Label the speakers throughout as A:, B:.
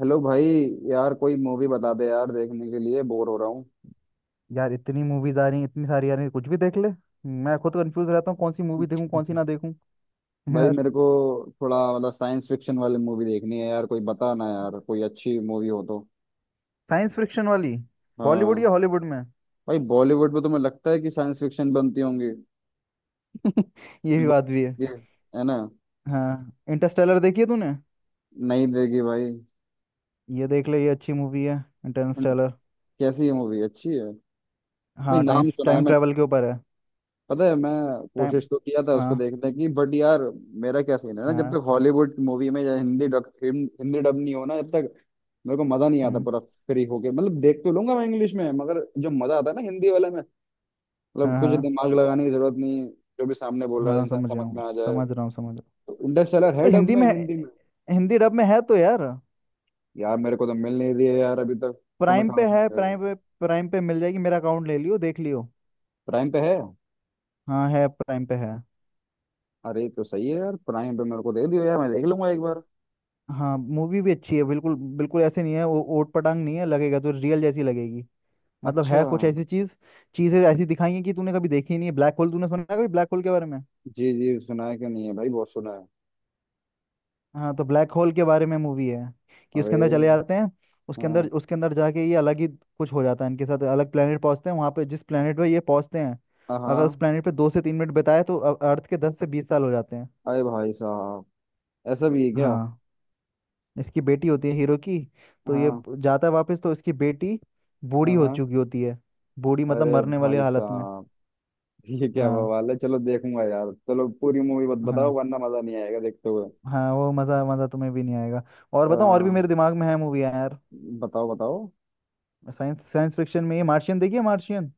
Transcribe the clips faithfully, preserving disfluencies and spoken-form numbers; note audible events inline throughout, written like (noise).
A: Hello भाई। यार कोई मूवी बता दे यार देखने के लिए बोर हो रहा हूँ।
B: यार इतनी मूवीज आ रही हैं इतनी सारी आ रही हैं कुछ भी देख ले। मैं खुद कंफ्यूज रहता हूँ कौन सी मूवी देखूँ कौन सी ना
A: (laughs)
B: देखूँ। (laughs)
A: भाई
B: यार।
A: मेरे को थोड़ा मतलब साइंस फिक्शन वाली मूवी देखनी है यार कोई बता ना यार कोई अच्छी मूवी हो तो।
B: साइंस फिक्शन वाली। बॉलीवुड या
A: हाँ।
B: हॉलीवुड में?
A: भाई बॉलीवुड में तुम्हें लगता है कि साइंस फिक्शन बनती होंगी।
B: (laughs) ये भी
A: वो-
B: बात भी है।
A: ये है ना।
B: हाँ, इंटरस्टेलर देखी है तूने?
A: नहीं देगी भाई।
B: ये देख ले, ये अच्छी मूवी है। इंटरस्टेलर।
A: कैसी है मूवी अच्छी है। भाई
B: हाँ, टाइम
A: नाम सुना है।
B: टाइम ट्रैवल के ऊपर है।
A: पता है मैं
B: टाइम।
A: कोशिश तो किया था उसको
B: हाँ।
A: देखने की बट यार मेरा क्या सीन है ना जब
B: हाँ।
A: तक हॉलीवुड मूवी में या हिंदी डब हिंदी डब नहीं हो ना जब तक मेरे को मजा नहीं आता
B: हम्म।
A: पूरा फ्री होके मतलब देख तो लूंगा मैं इंग्लिश में मगर जो मजा आता है ना हिंदी वाले में। मतलब
B: हाँ,
A: कुछ
B: हाँ,
A: दिमाग लगाने की जरूरत नहीं। जो भी सामने बोल रहा है
B: हाँ,
A: इंसान
B: समझ रहा
A: समझ
B: हूँ,
A: में आ जाए।
B: समझ रहा हूँ, समझ रहा हूँ।
A: इंटरस्टेलर
B: तो
A: है डब
B: हिंदी
A: में
B: में
A: हिंदी
B: है-
A: में?
B: हिंदी डब में है तो यार।
A: यार मेरे को तो मिल नहीं रही है यार अभी तक। तो मैं
B: प्राइम
A: कहाँ
B: पे
A: से
B: है,
A: मिल रही है?
B: प्राइम पे। प्राइम पे मिल जाएगी, मेरा अकाउंट ले लियो, देख लियो।
A: प्राइम पे है?
B: हाँ, है, प्राइम पे है।
A: अरे तो सही है यार प्राइम पे मेरे को दे दियो यार मैं देख लूंगा एक बार।
B: हाँ, मूवी भी अच्छी है, बिल्कुल बिल्कुल ऐसे नहीं है, वो ओट पटांग नहीं है, लगेगा तो रियल जैसी लगेगी। मतलब
A: अच्छा।
B: है कुछ ऐसी चीज, चीजें ऐसी दिखाई हैं कि तूने कभी देखी ही नहीं है। ब्लैक होल, तूने सुना है कभी ब्लैक होल के बारे में?
A: जी जी सुना है कि नहीं है भाई बहुत सुना है।
B: हाँ, तो ब्लैक होल के बारे में मूवी है कि उसके
A: अरे।
B: अंदर चले जाते हैं। उसके अंदर
A: हाँ
B: उसके अंदर जाके ये अलग ही कुछ हो जाता है, इनके साथ अलग प्लेनेट पहुंचते हैं, वहां पे जिस प्लेनेट पे ये पहुंचते हैं अगर उस
A: हाँ।
B: प्लेनेट पे दो से तीन मिनट बिताए तो अ- अर्थ के दस से बीस साल हो जाते हैं।
A: अरे भाई साहब ऐसा भी है क्या।
B: हाँ। इसकी बेटी होती है, हीरो की। तो ये
A: हाँ
B: प- जाता है वापस तो इसकी बेटी बूढ़ी
A: हाँ
B: हो
A: हाँ।
B: चुकी होती है। बूढ़ी मतलब
A: अरे
B: मरने वाली
A: भाई
B: हालत में।
A: साहब। (laughs) ये क्या
B: हाँ।
A: बवाल है चलो देखूंगा यार चलो पूरी मूवी मत बताओ
B: हाँ।
A: वरना मजा नहीं आएगा देखते हुए।
B: हाँ, वो मज़ा मज़ा तुम्हें भी नहीं आएगा। और
A: आ,
B: बताओ, और भी मेरे दिमाग में है मूवी यार।
A: बताओ बताओ।
B: साइंस साइंस फिक्शन में ये मार्शियन, देखिए मार्शियन।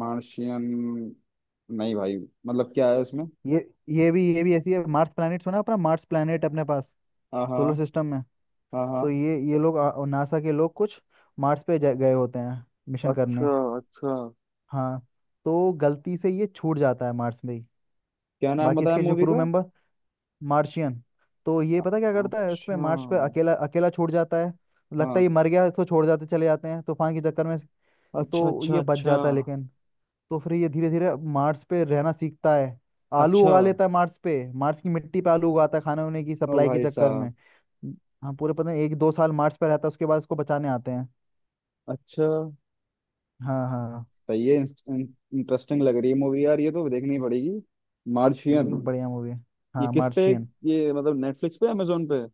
A: मार्शियन। नहीं भाई मतलब क्या है उसमें।
B: ये ये भी ये भी ऐसी है। मार्स प्लैनेट सुना है? अपना मार्स प्लैनेट अपने पास,
A: हाँ
B: सोलर
A: हाँ
B: सिस्टम में।
A: हाँ
B: तो
A: हाँ।
B: ये ये लोग आ, नासा के लोग कुछ मार्स पे जा- गए होते हैं, मिशन करने।
A: अच्छा अच्छा।
B: हाँ, तो गलती से ये छूट जाता है मार्स में ही।
A: क्या नाम
B: बाकी
A: बताया
B: इसके जो
A: मूवी
B: क्रू
A: का।
B: मेंबर। मार्शियन। तो ये पता क्या करता है उसमें,
A: अच्छा।
B: मार्स पे अकेला अकेला छोड़ जाता है। लगता है
A: हाँ।
B: ये मर गया है, इसको छोड़ जाते, चले जाते हैं तूफान के चक्कर में।
A: अच्छा
B: तो
A: अच्छा
B: ये बच
A: अच्छा।
B: जाता है लेकिन। तो फिर ये धीरे धीरे मार्स पे रहना सीखता है। आलू
A: अच्छा।
B: उगा लेता है मार्स पे, मार्स की मिट्टी पे आलू उगाता है, खाने होने की
A: ओ
B: सप्लाई के
A: भाई
B: चक्कर
A: साहब।
B: में। हाँ, पूरे पता नहीं, एक दो साल मार्स पे रहता है, उसके बाद उसको बचाने आते हैं।
A: अच्छा।
B: हाँ, हाँ, हाँ।
A: सही है, इंटरेस्टिंग लग रही है मूवी यार ये तो देखनी पड़ेगी।
B: ये
A: मार्शियन।
B: भी बढ़िया मूवी है।
A: ये
B: हाँ,
A: किस पे?
B: मार्शियन।
A: ये मतलब नेटफ्लिक्स पे अमेजोन पे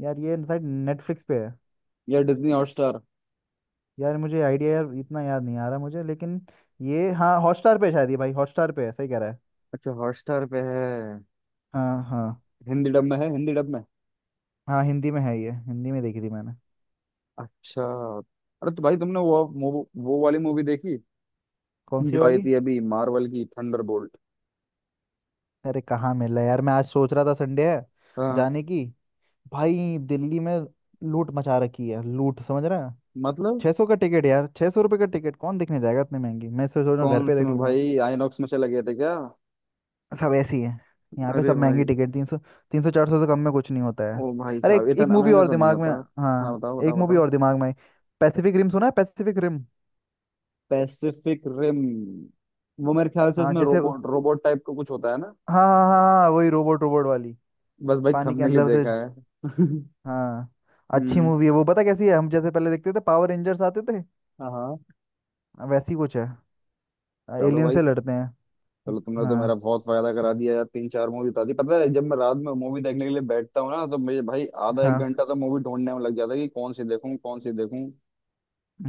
B: यार ये शायद नेटफ्लिक्स पे है।
A: या डिज्नी हॉटस्टार?
B: यार मुझे आइडिया यार इतना याद नहीं आ रहा मुझे, लेकिन ये हाँ हॉटस्टार पे शायद, ये भाई हॉटस्टार पे है, सही कह रहा है।
A: अच्छा हॉटस्टार पे है।
B: हाँ, हाँ।
A: हिंदी डब में है हिंदी डब में?
B: हाँ हिंदी में है, ये हिंदी में देखी थी मैंने।
A: अच्छा। अरे तो भाई तुमने वो वो, वो वाली मूवी देखी
B: कौन सी
A: जो आई
B: वाली?
A: थी अभी मार्वल की थंडरबोल्ट।
B: अरे कहाँ मिल रहा है यार, मैं आज सोच रहा था, संडे है,
A: हाँ
B: जाने की। भाई दिल्ली में लूट मचा रखी है, लूट, समझ रहा है?
A: मतलब
B: छः सौ का टिकट यार, छः सौ रुपये का टिकट कौन देखने जाएगा इतने महंगी। मैं सोच रहा हूँ घर
A: कौन
B: पे
A: से
B: देख
A: में
B: लूंगा।
A: भाई आईनॉक्स में चले गए थे क्या।
B: सब ऐसी है, यहाँ पे
A: अरे
B: सब
A: भाई।
B: महंगी टिकट, तीन सौ, तीन सौ चार सौ से कम में कुछ नहीं होता है।
A: ओ भाई
B: अरे
A: साहब
B: एक, एक
A: इतना
B: मूवी
A: महंगा
B: और
A: तो नहीं
B: दिमाग में।
A: होता। हाँ
B: हाँ,
A: बताओ
B: एक
A: बताओ
B: मूवी
A: बताओ।
B: और दिमाग में। पैसिफिक रिम सुना है? Pacific Rim.
A: Pacific Rim. वो मेरे ख्याल से
B: हाँ
A: इसमें
B: जैसे।
A: रोबोट रोबोट टाइप का कुछ होता है ना।
B: हाँ, हाँ, हाँ, हाँ, वही रोबोट रोबोट वाली,
A: बस भाई
B: पानी के
A: थंबनेल ही
B: अंदर से।
A: देखा है। (laughs)
B: हाँ। अच्छी
A: हम्म।
B: मूवी है वो, पता कैसी है, हम जैसे पहले देखते थे पावर रेंजर्स आते थे,
A: हाँ हाँ।
B: वैसी कुछ है,
A: चलो
B: एलियन
A: भाई।
B: से लड़ते हैं।
A: चलो तुमने तो मेरा
B: हाँ।
A: बहुत फायदा करा दिया यार तीन चार मूवी बता दी, पता है जब मैं रात में मूवी देखने के लिए बैठता हूँ ना तो मुझे भाई आधा एक
B: हाँ।
A: घंटा तो मूवी ढूंढने में लग जाता है कि कौन सी देखूँ कौन सी देखूँ।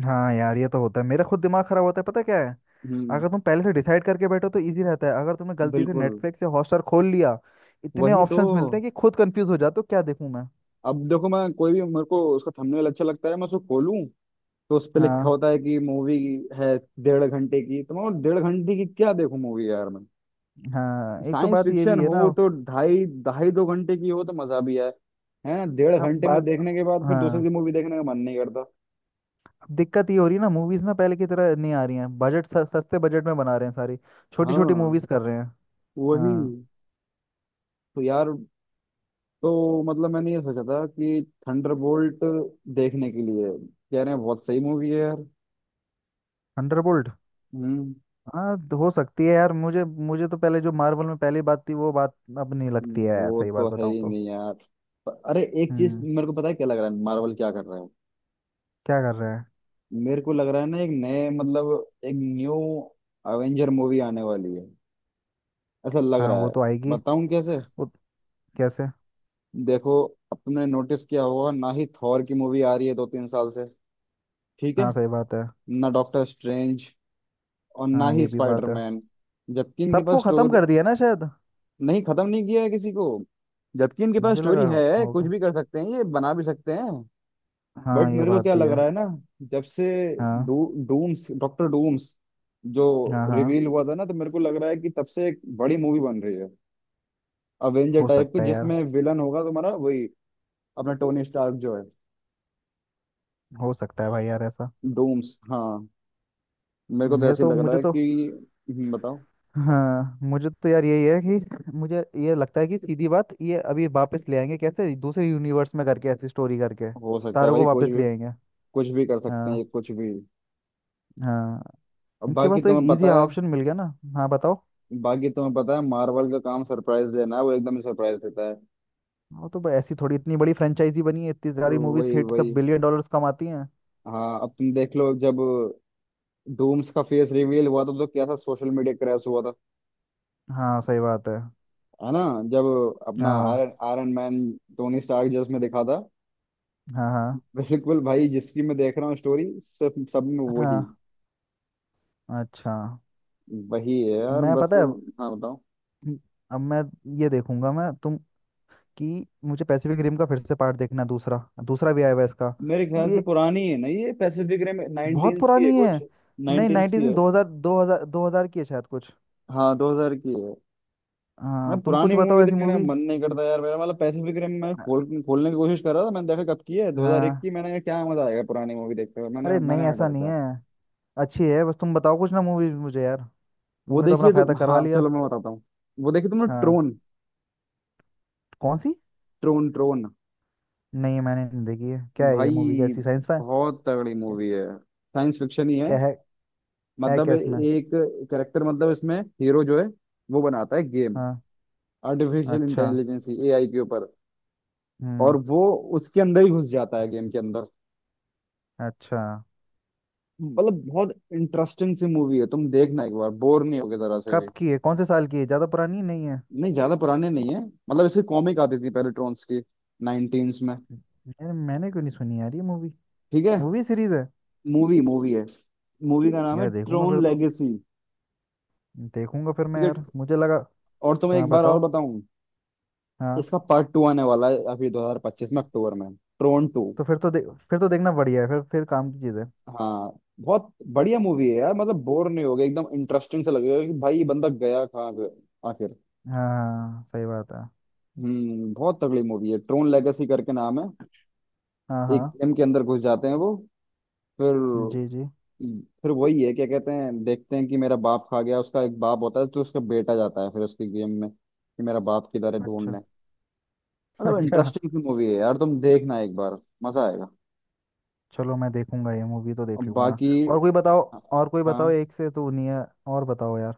B: हाँ यार, ये तो होता है, मेरा खुद दिमाग खराब होता है, पता क्या है,
A: हम्म।
B: अगर तुम पहले से डिसाइड करके बैठो तो इजी रहता है, अगर तुमने गलती से
A: बिल्कुल।
B: नेटफ्लिक्स या हॉटस्टार खोल लिया इतने
A: वही तो।
B: ऑप्शंस मिलते हैं कि खुद कंफ्यूज हो जाते हो, क्या देखूं मैं।
A: अब देखो मैं कोई भी मेरे को उसका थंबनेल अच्छा लगता है मैं उसको खोलूं, तो उस पे लिखा
B: हाँ।
A: होता है कि मूवी है डेढ़ घंटे की, तो मैं बोला, डेढ़ घंटे की क्या देखूं मूवी यार मैं।
B: हाँ, एक तो
A: साइंस
B: बात ये
A: फिक्शन
B: भी है
A: हो
B: ना।
A: तो ढाई ढाई दो घंटे की हो तो मजा भी आए, है ना। डेढ़
B: अब
A: घंटे में
B: बात,
A: देखने के बाद फिर दूसरी
B: हाँ,
A: की मूवी देखने का मन नहीं करता।
B: अब दिक्कत ये हो रही है ना, मूवीज ना पहले की तरह नहीं आ रही हैं, बजट सस्ते बजट में बना रहे हैं सारी, छोटी छोटी
A: हाँ
B: मूवीज कर रहे हैं।
A: वही
B: हाँ।
A: तो यार। तो मतलब मैंने ये सोचा था कि थंडरबोल्ट देखने के लिए कह रहे हैं बहुत सही मूवी है यार।
B: थंडरबोल्ट।
A: हम्म।
B: हाँ, तो हो सकती है यार, मुझे मुझे तो पहले जो मार्वल में पहली बात थी वो बात अब नहीं लगती है यार,
A: वो
B: सही
A: तो
B: बात
A: है
B: बताऊं
A: ही
B: तो।
A: नहीं यार। प- अरे एक चीज
B: हम्म।
A: मेरे को पता है क्या लग रहा है मार्वल क्या कर रहा है।
B: क्या कर रहे हैं?
A: मेरे को लग रहा है ना एक नए मतलब एक न्यू अवेंजर मूवी आने वाली है, ऐसा लग
B: हाँ,
A: रहा
B: वो
A: है।
B: तो आएगी।
A: बताऊं कैसे?
B: वो, कैसे?
A: देखो, अब तुमने नोटिस किया होगा ना ही थॉर की मूवी आ रही है दो तीन साल से। ठीक है
B: हाँ, सही बात है।
A: ना डॉक्टर स्ट्रेंज और ना
B: हाँ,
A: ही
B: ये भी बात है।
A: स्पाइडरमैन। जबकि इनके पास
B: सबको खत्म
A: स्टोरी।
B: कर दिया ना शायद।
A: नहीं खत्म नहीं किया है किसी को। जबकि इनके पास
B: मुझे
A: स्टोरी
B: लगा
A: है कुछ
B: होगा।
A: भी कर सकते हैं ये बना भी सकते हैं। बट
B: हाँ, ये
A: मेरे को
B: बात
A: क्या
B: भी
A: लग
B: है।
A: रहा है ना, जब से
B: हाँ,
A: डू डूम्स डॉक्टर डूम्स जो
B: हाँ, हाँ।
A: रिवील हुआ था ना तो मेरे को लग रहा है कि तब से एक बड़ी मूवी बन रही है अवेंजर
B: हो
A: टाइप की
B: सकता है यार,
A: जिसमें विलन होगा तुम्हारा वही अपना टोनी स्टार्क जो है
B: हो सकता है भाई यार ऐसा।
A: डूम्स हाँ। मेरे को तो
B: मेरे
A: ऐसे
B: तो
A: लग रहा
B: मुझे
A: है
B: तो,
A: कि हम्म, बताओ।
B: हाँ मुझे तो यार, यही है कि मुझे ये लगता है कि सीधी बात ये अभी वापस ले आएंगे, कैसे दूसरे यूनिवर्स में करके ऐसी स्टोरी करके
A: हो सकता है
B: सारों
A: भाई,
B: को
A: कुछ
B: वापस
A: भी
B: ले आएंगे।
A: कुछ भी कर सकते हैं ये,
B: हाँ।
A: कुछ भी।
B: हाँ।
A: अब
B: इनके पास
A: बाकी
B: तो एक
A: तुम्हें
B: इजी
A: पता है।
B: ऑप्शन मिल गया ना। हाँ बताओ।
A: बाकी तुम्हें पता है मार्वल का काम सरप्राइज देना है वो एकदम सरप्राइज देता है।
B: वो तो भाई, ऐसी थोड़ी इतनी बड़ी फ्रेंचाइजी बनी है, इतनी सारी मूवीज
A: वही
B: हिट,
A: वही।
B: सब बिलियन डॉलर्स कमाती हैं।
A: हाँ अब तुम देख लो जब डूम्स का फेस रिवील हुआ था तो कैसा सोशल मीडिया क्रैश हुआ था।
B: हाँ, सही बात है।
A: है ना। जब अपना
B: हाँ,
A: Iron Iron Man Tony Stark जो उसमें दिखा था
B: हाँ, हाँ,
A: बिल्कुल भाई जिसकी मैं देख रहा हूँ स्टोरी सब सब में वही,
B: हाँ। अच्छा।
A: वही है यार
B: मैं
A: बस।
B: पता है अब
A: हाँ बताओ।
B: अब मैं ये देखूंगा मैं, तुम कि मुझे पैसिफिक रिम का फिर से पार्ट देखना है, दूसरा, दूसरा भी आया हुआ है इसका।
A: मेरे
B: तुम
A: ख्याल
B: ये
A: से पुरानी है ना ये पैसिफिक रिम
B: बहुत
A: नाइनटीन्स की है
B: पुरानी है,
A: कुछ,
B: नहीं
A: नाइनटीन्स
B: नाइनटीज
A: की है।
B: में, दो हजार दो हजार दो हजार की है शायद कुछ।
A: हाँ दो हज़ार की है। मैं
B: हाँ, तुम
A: पुरानी
B: कुछ बताओ
A: मूवी
B: ऐसी
A: देखने का
B: मूवी।
A: मन नहीं करता यार। मेरा मतलब पैसिफिक रिम मैं खोल खोलने की कोशिश कर रहा था, मैंने देखा कब की है दो हज़ार एक की,
B: हाँ।
A: मैंने कहा क्या मजा आएगा पुरानी मूवी देखते हुए, मैंने
B: अरे नहीं
A: मैंने
B: ऐसा नहीं
A: हटा।
B: है, अच्छी है, बस तुम बताओ कुछ ना मूवी मुझे यार,
A: वो
B: तुमने तो अपना
A: देखिए तो,
B: फायदा करवा
A: हाँ
B: लिया।
A: चलो मैं बताता हूँ। वो देखिए तुमने
B: हाँ।
A: ट्रोन?
B: कौन सी?
A: ट्रोन ट्रोन।
B: नहीं मैंने नहीं देखी है, क्या है ये मूवी,
A: भाई
B: कैसी साइंस फाई?
A: बहुत तगड़ी
B: क्या?
A: मूवी है। साइंस फिक्शन ही है।
B: क्या है? है
A: मतलब
B: क्या इसमें?
A: एक करेक्टर मतलब इसमें हीरो जो है वो बनाता है गेम
B: हाँ।
A: आर्टिफिशियल
B: अच्छा।
A: इंटेलिजेंस एआई के ऊपर।
B: हम्म।
A: और वो उसके अंदर ही घुस जाता है गेम के अंदर।
B: अच्छा।
A: मतलब बहुत इंटरेस्टिंग सी मूवी है तुम देखना एक बार बोर नहीं होगे जरा से
B: कब
A: भी।
B: की है? कौन से साल की है? ज़्यादा पुरानी नहीं है?
A: नहीं ज्यादा पुराने नहीं है। मतलब इसकी कॉमिक आती थी पहले ट्रोन्स की नाइनटीन्स में।
B: यार मैंने क्यों नहीं सुनी यार ये मूवी?
A: ठीक है।
B: मूवी सीरीज है?
A: मूवी मूवी है। मूवी का नाम है
B: यार देखूंगा
A: ट्रोन
B: फिर तो,
A: लेगेसी।
B: देखूंगा फिर मैं
A: ठीक है।
B: यार, मुझे लगा।
A: और तुम्हें
B: हाँ
A: एक बार और
B: बताओ।
A: बताऊं,
B: हाँ।
A: इसका पार्ट टू आने वाला है अभी दो हज़ार पच्चीस में अक्टूबर में, ट्रोन टू।
B: तो फिर तो दे, फिर तो देखना बढ़िया है, फिर फिर काम की चीज़ है।
A: हाँ बहुत बढ़िया मूवी है यार, मतलब बोर नहीं होगे एकदम इंटरेस्टिंग से लगेगा कि भाई ये बंदा गया कहाँ गया आखिर।
B: हाँ, हाँ, सही बात है।
A: हम्म बहुत तगड़ी मूवी है ट्रोन लेगेसी करके नाम है।
B: हाँ। हाँ।
A: एक गेम के अंदर घुस जाते हैं वो। फिर
B: जी जी।
A: फिर वही है क्या कहते हैं देखते हैं कि मेरा बाप खा गया, उसका एक बाप होता है तो उसका बेटा जाता है फिर उसकी गेम में कि मेरा बाप किधर है
B: अच्छा।
A: ढूंढने।
B: (laughs)
A: मतलब
B: अच्छा।
A: इंटरेस्टिंग सी मूवी है यार तुम देखना एक बार। मजा आएगा।
B: चलो मैं देखूंगा, ये मूवी तो
A: और
B: देख लूंगा।
A: बाकी।
B: और कोई बताओ, और कोई बताओ,
A: हाँ
B: एक से तो नहीं है। और बताओ यार।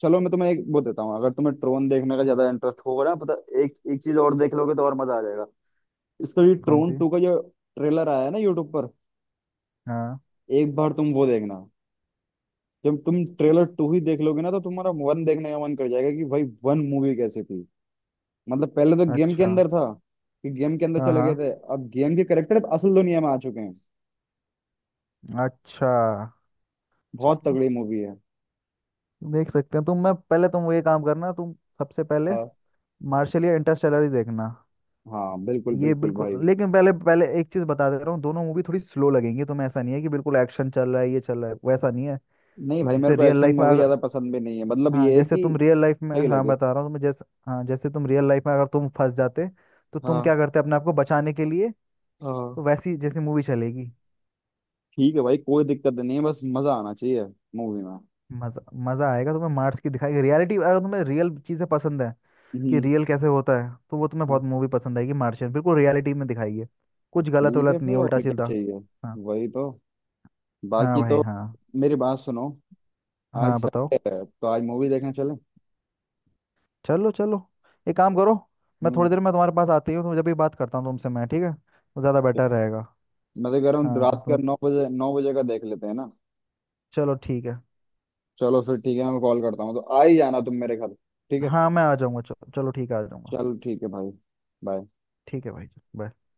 A: चलो मैं तुम्हें एक वो देता हूँ, अगर तुम्हें ट्रोन देखने का ज्यादा इंटरेस्ट होगा ना पता, एक एक चीज और देख लोगे तो और मजा आ जाएगा। इसका भी
B: कौन
A: ट्रोन
B: सी?
A: टू का जो ट्रेलर आया है ना यूट्यूब पर,
B: हाँ।
A: एक बार तुम वो देखना। जब तुम ट्रेलर टू ही देख लोगे ना तो तुम्हारा वन देखने का मन कर जाएगा कि भाई वन मूवी कैसी थी। मतलब पहले तो गेम के
B: अच्छा।
A: अंदर था कि गेम के अंदर
B: हाँ।
A: चले
B: हाँ।
A: गए थे, अब गेम के करेक्टर अब असल दुनिया में आ चुके हैं।
B: अच्छा।
A: बहुत
B: चलो
A: तगड़ी मूवी है।
B: देख सकते हैं। तुम मैं पहले, तुम ये काम करना, तुम सबसे पहले
A: हाँ
B: मार्शल या इंटरस्टेलर ही देखना।
A: हाँ बिल्कुल
B: ये
A: बिल्कुल भाई।
B: बिल्कुल, लेकिन पहले पहले एक चीज बता दे रहा हूँ, दोनों मूवी थोड़ी स्लो लगेंगी तुम्हें, ऐसा नहीं है कि बिल्कुल एक्शन चल रहा है, ये चल रहा है, वैसा नहीं है।
A: नहीं भाई मेरे
B: जैसे
A: को
B: रियल
A: एक्शन
B: लाइफ में
A: मूवी
B: अगर,
A: ज्यादा पसंद भी नहीं है, मतलब
B: हाँ
A: ये है
B: जैसे
A: कि
B: तुम रियल लाइफ में,
A: सही
B: हाँ
A: लगे।
B: बता रहा हूँ तुम्हें, जैसे हाँ जैसे तुम रियल लाइफ में अगर तुम फंस जाते तो तुम क्या
A: हाँ
B: करते अपने आप को बचाने के लिए।
A: हाँ।
B: तो वैसी जैसी मूवी चलेगी।
A: ठीक है भाई कोई दिक्कत नहीं है बस मजा आना चाहिए मूवी में।
B: मजा मजा आएगा तुम्हें, मार्स की दिखाएगी रियलिटी, अगर तुम्हें रियल चीजें पसंद है कि
A: हम्म।
B: रियल कैसे होता है तो वो तुम्हें
A: हाँ
B: बहुत मूवी पसंद आएगी मार्शियन, बिल्कुल रियलिटी में दिखाई है
A: तो
B: कुछ गलत
A: ठीक है
B: वलत नहीं,
A: फिर और
B: उल्टा
A: क्या
B: सीधा।
A: चाहिए।
B: हाँ।
A: वही तो।
B: हाँ
A: बाकी
B: भाई,
A: तो
B: हाँ।
A: मेरी बात सुनो, आज
B: हाँ बताओ।
A: संडे है तो आज मूवी देखने चले।
B: चलो चलो, एक काम करो, मैं
A: हम्म।
B: थोड़ी देर में तुम्हारे पास आती हूँ तो जब भी बात करता हूँ तुमसे मैं, ठीक है, वो ज़्यादा बेटर रहेगा।
A: मैं तो कह रहा हूँ
B: हाँ
A: रात का
B: तो,
A: नौ बजे, नौ बजे का देख लेते हैं ना।
B: चलो ठीक है।
A: चलो फिर ठीक है मैं कॉल करता हूँ तो आ ही जाना तुम मेरे घर, ठीक है।
B: हाँ मैं आ जाऊँगा, चलो चलो ठीक है, आ जाऊँगा।
A: चलो ठीक है भाई bye।
B: ठीक है भाई। बाय।